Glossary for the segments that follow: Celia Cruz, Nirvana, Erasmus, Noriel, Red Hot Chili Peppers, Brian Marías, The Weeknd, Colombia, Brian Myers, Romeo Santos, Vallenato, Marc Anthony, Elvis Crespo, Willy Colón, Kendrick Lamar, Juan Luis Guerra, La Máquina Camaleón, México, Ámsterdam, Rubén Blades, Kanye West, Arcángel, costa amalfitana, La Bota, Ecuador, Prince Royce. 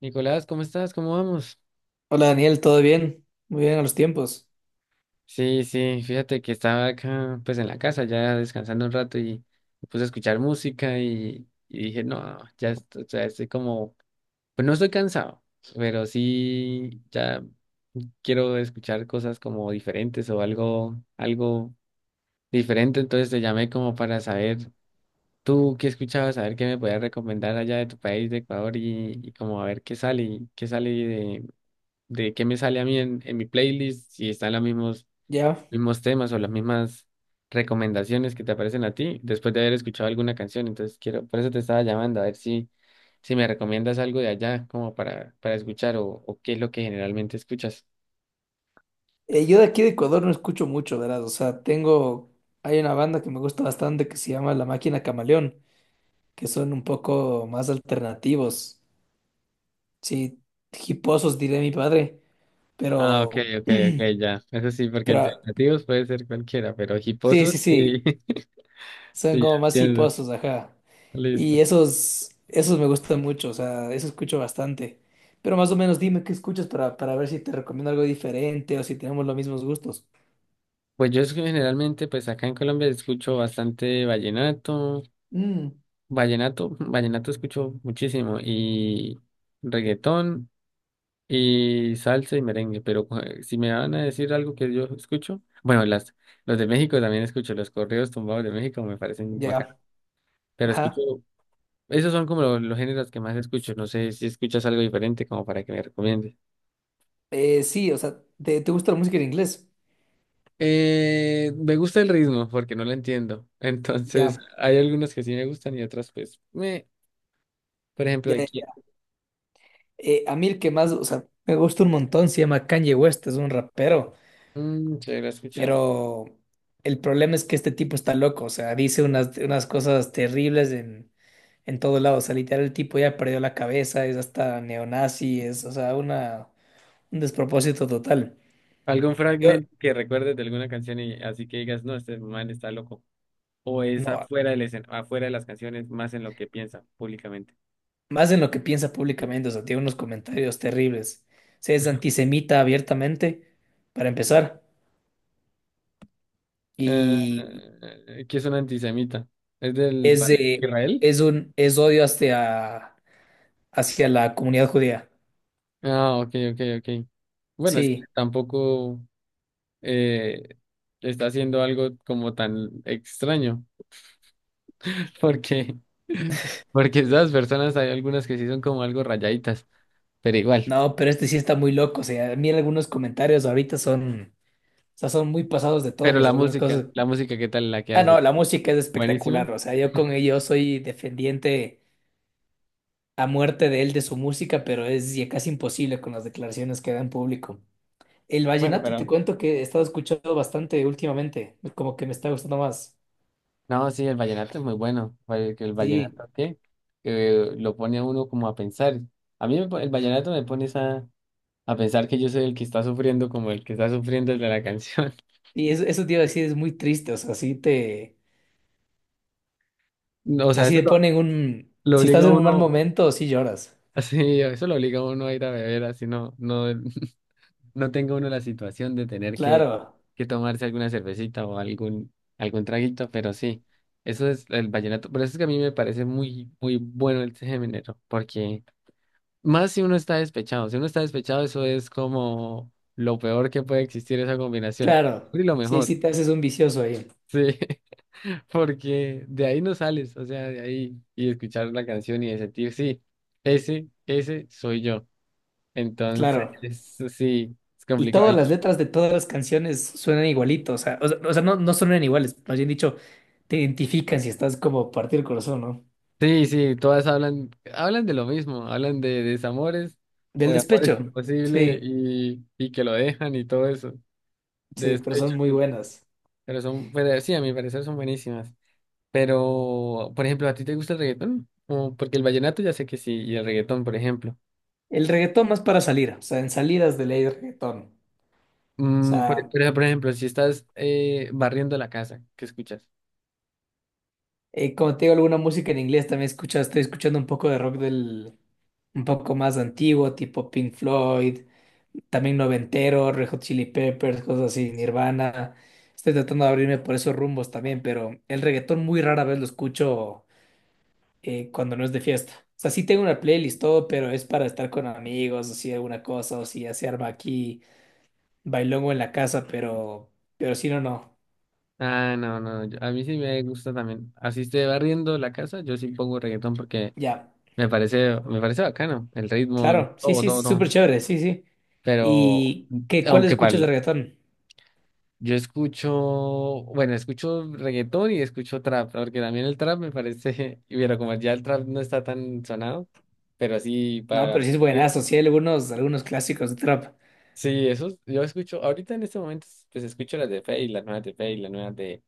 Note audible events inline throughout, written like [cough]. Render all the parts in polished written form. Nicolás, ¿cómo estás? ¿Cómo vamos? Hola Daniel, ¿todo bien? Muy bien a los tiempos. Sí, sí, fíjate que estaba acá pues en la casa ya descansando un rato y me puse a escuchar música y dije, no, ya estoy, o sea, estoy como, pues no estoy cansado, pero sí ya quiero escuchar cosas como diferentes o algo diferente, entonces te llamé como para saber tú qué escuchabas, saber qué me podías recomendar allá de tu país, de Ecuador y como a ver qué sale de qué me sale a mí en mi playlist, si están los mismos, Ya. mismos temas o las mismas recomendaciones que te aparecen a ti después de haber escuchado alguna canción. Entonces quiero, por eso te estaba llamando, a ver si, si me recomiendas algo de allá como para escuchar o qué es lo que generalmente escuchas. Yo de aquí de Ecuador no escucho mucho, ¿verdad? O sea, tengo. Hay una banda que me gusta bastante que se llama La Máquina Camaleón, que son un poco más alternativos. Sí, hiposos diré mi padre, Ah, ok, pero. ok, ok, ya. Eso sí, porque Pero. alternativos puede ser cualquiera, pero Sí, sí, hiposos sí, sí. [laughs] Son sí, ya como más entiendo. hiposos, ajá. Listo. Y esos. Esos me gustan mucho, o sea, eso escucho bastante. Pero más o menos dime qué escuchas para ver si te recomiendo algo diferente o si tenemos los mismos gustos. Pues yo generalmente, pues acá en Colombia escucho bastante vallenato. Mm. Vallenato, vallenato escucho muchísimo y reggaetón y salsa y merengue, pero si me van a decir algo que yo escucho, bueno, las, los de México también escucho, los corridos tumbados de México me parecen bacanos, Ya, pero escucho, ajá. esos son como los géneros que más escucho, no sé si escuchas algo diferente como para que me recomiendes. Sí, o sea, ¿te gusta la música en inglés? Me gusta el ritmo porque no lo entiendo, [laughs] entonces Ya, hay algunos que sí me gustan y otros pues, me, por ejemplo, ya, ya. aquí, Ya. A mí el que más, o sea, me gusta un montón, se llama Kanye West, es un rapero, mm, se lo he escuchado. pero el problema es que este tipo está loco, o sea, dice unas cosas terribles en todo lado, o sea, literal el tipo ya perdió la cabeza, es hasta neonazi, es, o sea, una, un despropósito total. Algún Yo, fragmento que recuerdes de alguna canción y así que digas, no, este man está loco. O es no. Afuera de las canciones, más en lo que piensa públicamente. Más en lo que piensa públicamente, o sea, tiene unos comentarios terribles. Se es antisemita abiertamente, para empezar, Eh, y ¿Que es un antisemita? ¿Es del es Palestina de- Israel? es un es odio hacia la comunidad judía. Ah, ok, ok, ok. Bueno, es que Sí, tampoco eh, está haciendo algo como tan extraño, [laughs] porque, porque esas personas hay algunas que sí son como algo rayaditas, pero igual. no, pero este sí está muy loco, o sea, a mí algunos comentarios ahorita son, o sea, son muy pasados de Pero todos, algunas cosas. la música, ¿qué tal la que Ah, no, hace? la música es Buenísima. espectacular, o sea, yo con ello soy defendiente a muerte de él de su música, pero es ya casi imposible con las declaraciones que da en público. El Bueno, vallenato te pero cuento que he estado escuchando bastante últimamente, como que me está gustando más. no, sí, el vallenato es muy bueno. El Sí, vallenato, ¿qué? Que lo pone a uno como a pensar. A mí me po- El vallenato me pone a pensar que yo soy el que está sufriendo como el que está sufriendo el de la canción. [laughs] y eso te iba a decir, es muy triste, o sea, No, o o sea, sea, sí eso te ponen un, lo si estás obliga a en un mal uno, momento, sí lloras. [laughs] así, eso lo obliga a uno a ir a beber, así no, no, [laughs] no tenga uno la situación de tener Claro, que tomarse alguna cervecita o algún, algún traguito, pero sí, eso es el vallenato. Por eso es que a mí me parece muy, muy bueno el género, porque más si uno está despechado. Si uno está despechado, eso es como lo peor que puede existir esa combinación. claro, Y lo sí, mejor, sí te haces un vicioso ahí, sí. [laughs] Porque de ahí no sales, o sea, de ahí y escuchar la canción y de sentir, sí, ese soy yo. Entonces, claro. sí, es Y complicado. todas las letras de todas las canciones suenan igualito, o sea, no, no suenan iguales, más bien dicho, te identifican si estás como partido el corazón, ¿no? Sí, sí, todas hablan, hablan de lo mismo, hablan de desamores o Del de amores [laughs] despecho, imposibles sí, y que lo dejan y todo eso, de sí, pero despecho, son muy sí. buenas. Pero son, pero sí, a mi parecer son buenísimas. Pero, por ejemplo, ¿a ti te gusta el reggaetón? O porque el vallenato ya sé que sí, y el reggaetón, por ejemplo. El reggaetón más para salir, o sea, en salidas de ley de reggaetón. O Mm, por, sea, pero, por ejemplo, si estás barriendo la casa, ¿qué escuchas? Como te digo, alguna música en inglés también escucha, estoy escuchando un poco de rock un poco más antiguo, tipo Pink Floyd, también noventero, Red Hot Chili Peppers, cosas así, Nirvana. Estoy tratando de abrirme por esos rumbos también, pero el reggaetón muy rara vez lo escucho cuando no es de fiesta. O sea, sí tengo una playlist, todo, pero es para estar con amigos, o si alguna cosa, o si ya se arma aquí bailongo en la casa, pero si no, no. Ah, no, no, a mí sí me gusta también. Así esté barriendo la casa, yo sí pongo reggaetón porque Ya. Me parece bacano, el ritmo, Claro, sí, todo, sí, todo, es todo. súper chévere, sí, sí. Pero, ¿Y qué, cuáles aunque escuchas de para, reggaetón? yo escucho, bueno, escucho reggaetón y escucho trap, porque también el trap me parece, [laughs] y bueno, como ya el trap no está tan sonado, pero sí No, para... pero sí es buenazo, sí hay algunos, algunos clásicos de trap. Sí, eso, yo escucho, ahorita en este momento, pues escucho las de Fade, las nuevas de Fade, las nuevas de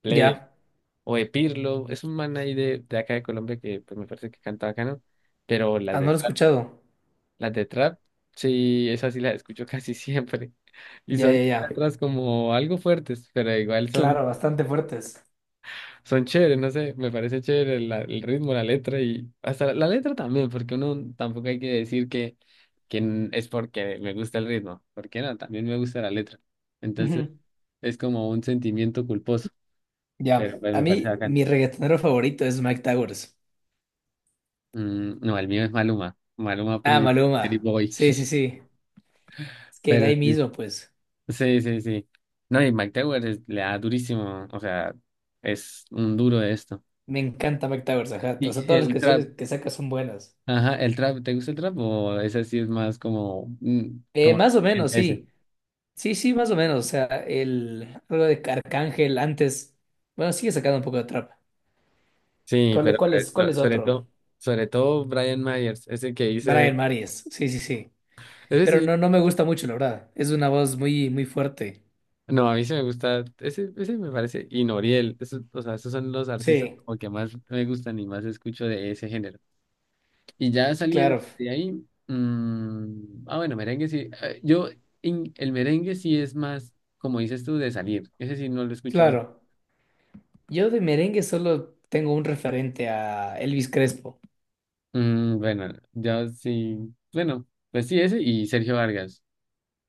Ple Ya, o de Pirlo, es un man ahí de acá de Colombia que pues me parece que canta bacano, pero ah, no lo he escuchado. las de trap, sí, esas sí las escucho casi siempre, [laughs] y Ya, ya, son ya. letras como algo fuertes, pero igual son. Claro, bastante fuertes. Son chéveres, no sé, me parece chévere el ritmo, la letra y hasta la, la letra también, porque uno tampoco hay que decir que es porque me gusta el ritmo, porque no, también me gusta la letra. Entonces Ujú. es como un sentimiento culposo, Ya, pero pues a me parece mí bacano. mi reggaetonero favorito es Mike Towers. Mm, no, el mío es Maluma, Maluma Ah, Pretty, Pretty Maluma. Boy, Sí, sí, sí. [laughs] Es que de pero ahí mismo, pues, sí, sí, sí, sí. No, y Mike Tower le da durísimo, o sea, es un duro de esto. me encanta Mike Towers, ajá. O Y sea, todas las el trap. canciones que saca son buenas. Ajá, el trap, ¿te gusta el trap o ese sí es más como, mm, como la Más o menos, corriente ese? sí. Sí, sí, más o menos. O sea, el algo de Arcángel antes. Bueno, sigue sacando un poco de trap. Sí, ¿Cuál, pero cuál es otro? Sobre todo Brian Myers, ese que dice, Brian Marías. Sí, sí, sí. ese Pero sí, no, no me gusta mucho, la verdad. Es una voz muy, muy fuerte. no, a mí sí me gusta, ese me parece, y Noriel, eso, o sea, esos son los artistas Sí, como que más me gustan y más escucho de ese género. Y ya saliendo claro, de ahí, mm, ah, bueno, merengue sí, yo, el merengue sí es más, como dices tú, de salir, ese sí no lo escucho. claro. Yo de merengue solo tengo un referente a Elvis Crespo. Mm, bueno, yo sí. Bueno, pues sí, ese y Sergio Vargas.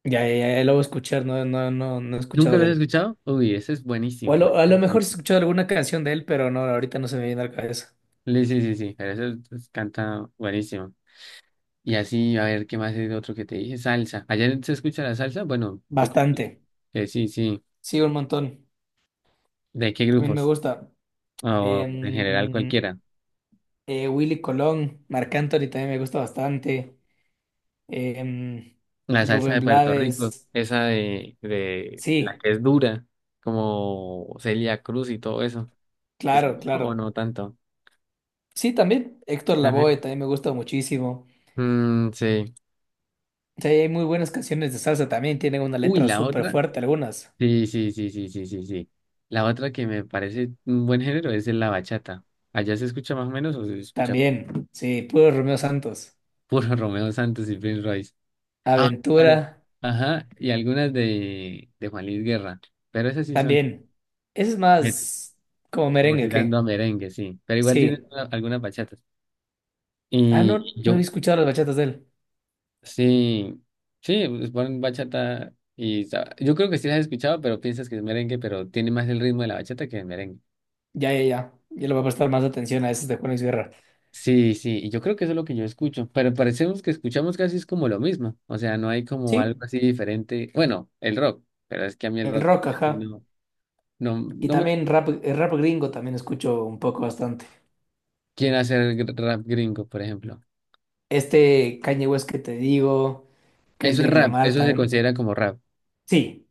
Ya, ya, ya lo voy a escuchar, no, no, no, no he ¿Nunca escuchado lo de has él. escuchado? Uy, ese es O buenísimo, a lo buenísimo, mejor sí he buenísimo. escuchado alguna canción de él, pero no, ahorita no se me viene a la cabeza. Sí, sí, sí, pero ese pues, canta buenísimo. Y así, a ver, ¿qué más es otro que te dije? Salsa. ¿Ayer se escucha la salsa? Bueno, yo creo Bastante. Que sí, sí. Sí, un montón. ¿De qué También me grupos? gusta. O en general Em, cualquiera. Willy Colón, Marc Anthony también me gusta bastante. Em, La salsa Rubén de Puerto Rico, Blades, esa de la sí, que es dura, como Celia Cruz y todo eso. ¿Se claro, escucha o claro. no tanto? Sí, también Héctor A ver. Lavoe también me gusta muchísimo. Mm, sí. Sí, hay muy buenas canciones de salsa también, tienen una Uy, letra la súper otra. fuerte algunas. Sí, sí, sí, sí, sí, sí, sí. La otra que me parece un buen género es la bachata. ¿Allá se escucha más o menos o se escucha También, sí, puro Romeo Santos. puro [laughs] Romeo Santos y Prince Royce? Ah, ah, Aventura, ajá, y algunas de Juan Luis Guerra. Pero esas sí son también. Ese es bueno, más como como merengue, tirando a ¿qué? merengue, sí. Pero igual tienen Sí. Algunas bachatas. Ah, Y no, no había yo, escuchado las bachatas de él. sí, sí, pues ponen bachata y yo creo que sí las has escuchado, pero piensas que es merengue, pero tiene más el ritmo de la bachata que el merengue. Ya, ya, ya. Ya le voy a prestar más atención a esas de Juan Luis Guerra. Sí, sí, y yo creo que eso es lo que yo escucho, pero parecemos que escuchamos casi es como lo mismo, o sea, no hay como algo Sí, así diferente, bueno, el rock, pero es que a mí el el rock rock, sí ajá. no, no, Y no me. también rap, el rap gringo también escucho un poco bastante. ¿Quién hace el rap gringo, por ejemplo? Este Kanye West que te digo, Eso es Kendrick rap, Lamar eso se también. considera como rap. Sí,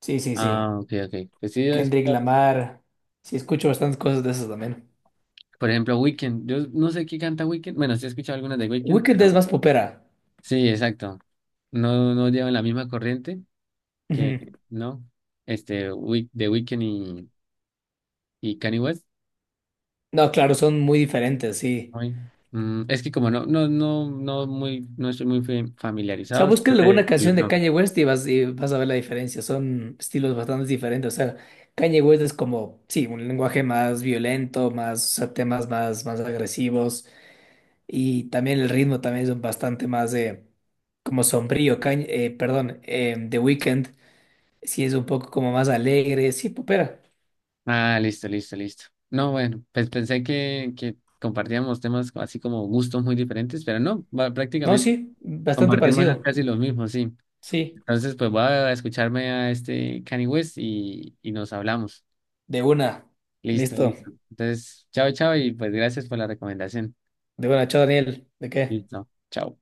sí, sí, sí. Ah, ok, ok. Pues sí, yo he Kendrick escuchado, Lamar. Sí, escucho bastantes cosas de esas también. por ejemplo, Weekend, yo no sé qué canta Weekend, bueno, sí he escuchado algunas de Weekend, Weekend es pero más popera. sí, exacto. No, no llevan la misma corriente Ujú. que, ¿no? Este, Week, de Weekend y Kanye West. No, claro, son muy diferentes, sí. Ay, mm, es que como no, no, no, no muy, no estoy muy O sea, familiarizado, busca no sé alguna de los canción de nombres. Kanye West y vas a ver la diferencia. Son estilos bastante diferentes. O sea, Kanye West es como, sí, un lenguaje más violento, más, o sea, temas más agresivos. Y también el ritmo también es bastante más como sombrío. Cañ perdón, The Weeknd sí es un poco como más alegre. Sí, popera. Ah, listo, listo, listo. No, bueno, pues pensé que compartíamos temas así como gustos muy diferentes, pero no, No, prácticamente sí, bastante compartimos parecido. casi los mismos, sí. Sí, Entonces, pues voy a escucharme a este Kanye West y nos hablamos. de una. Listo, Listo. listo. Entonces, chao, chao y pues gracias por la recomendación. De una, chao Daniel. ¿De qué? Listo, chao.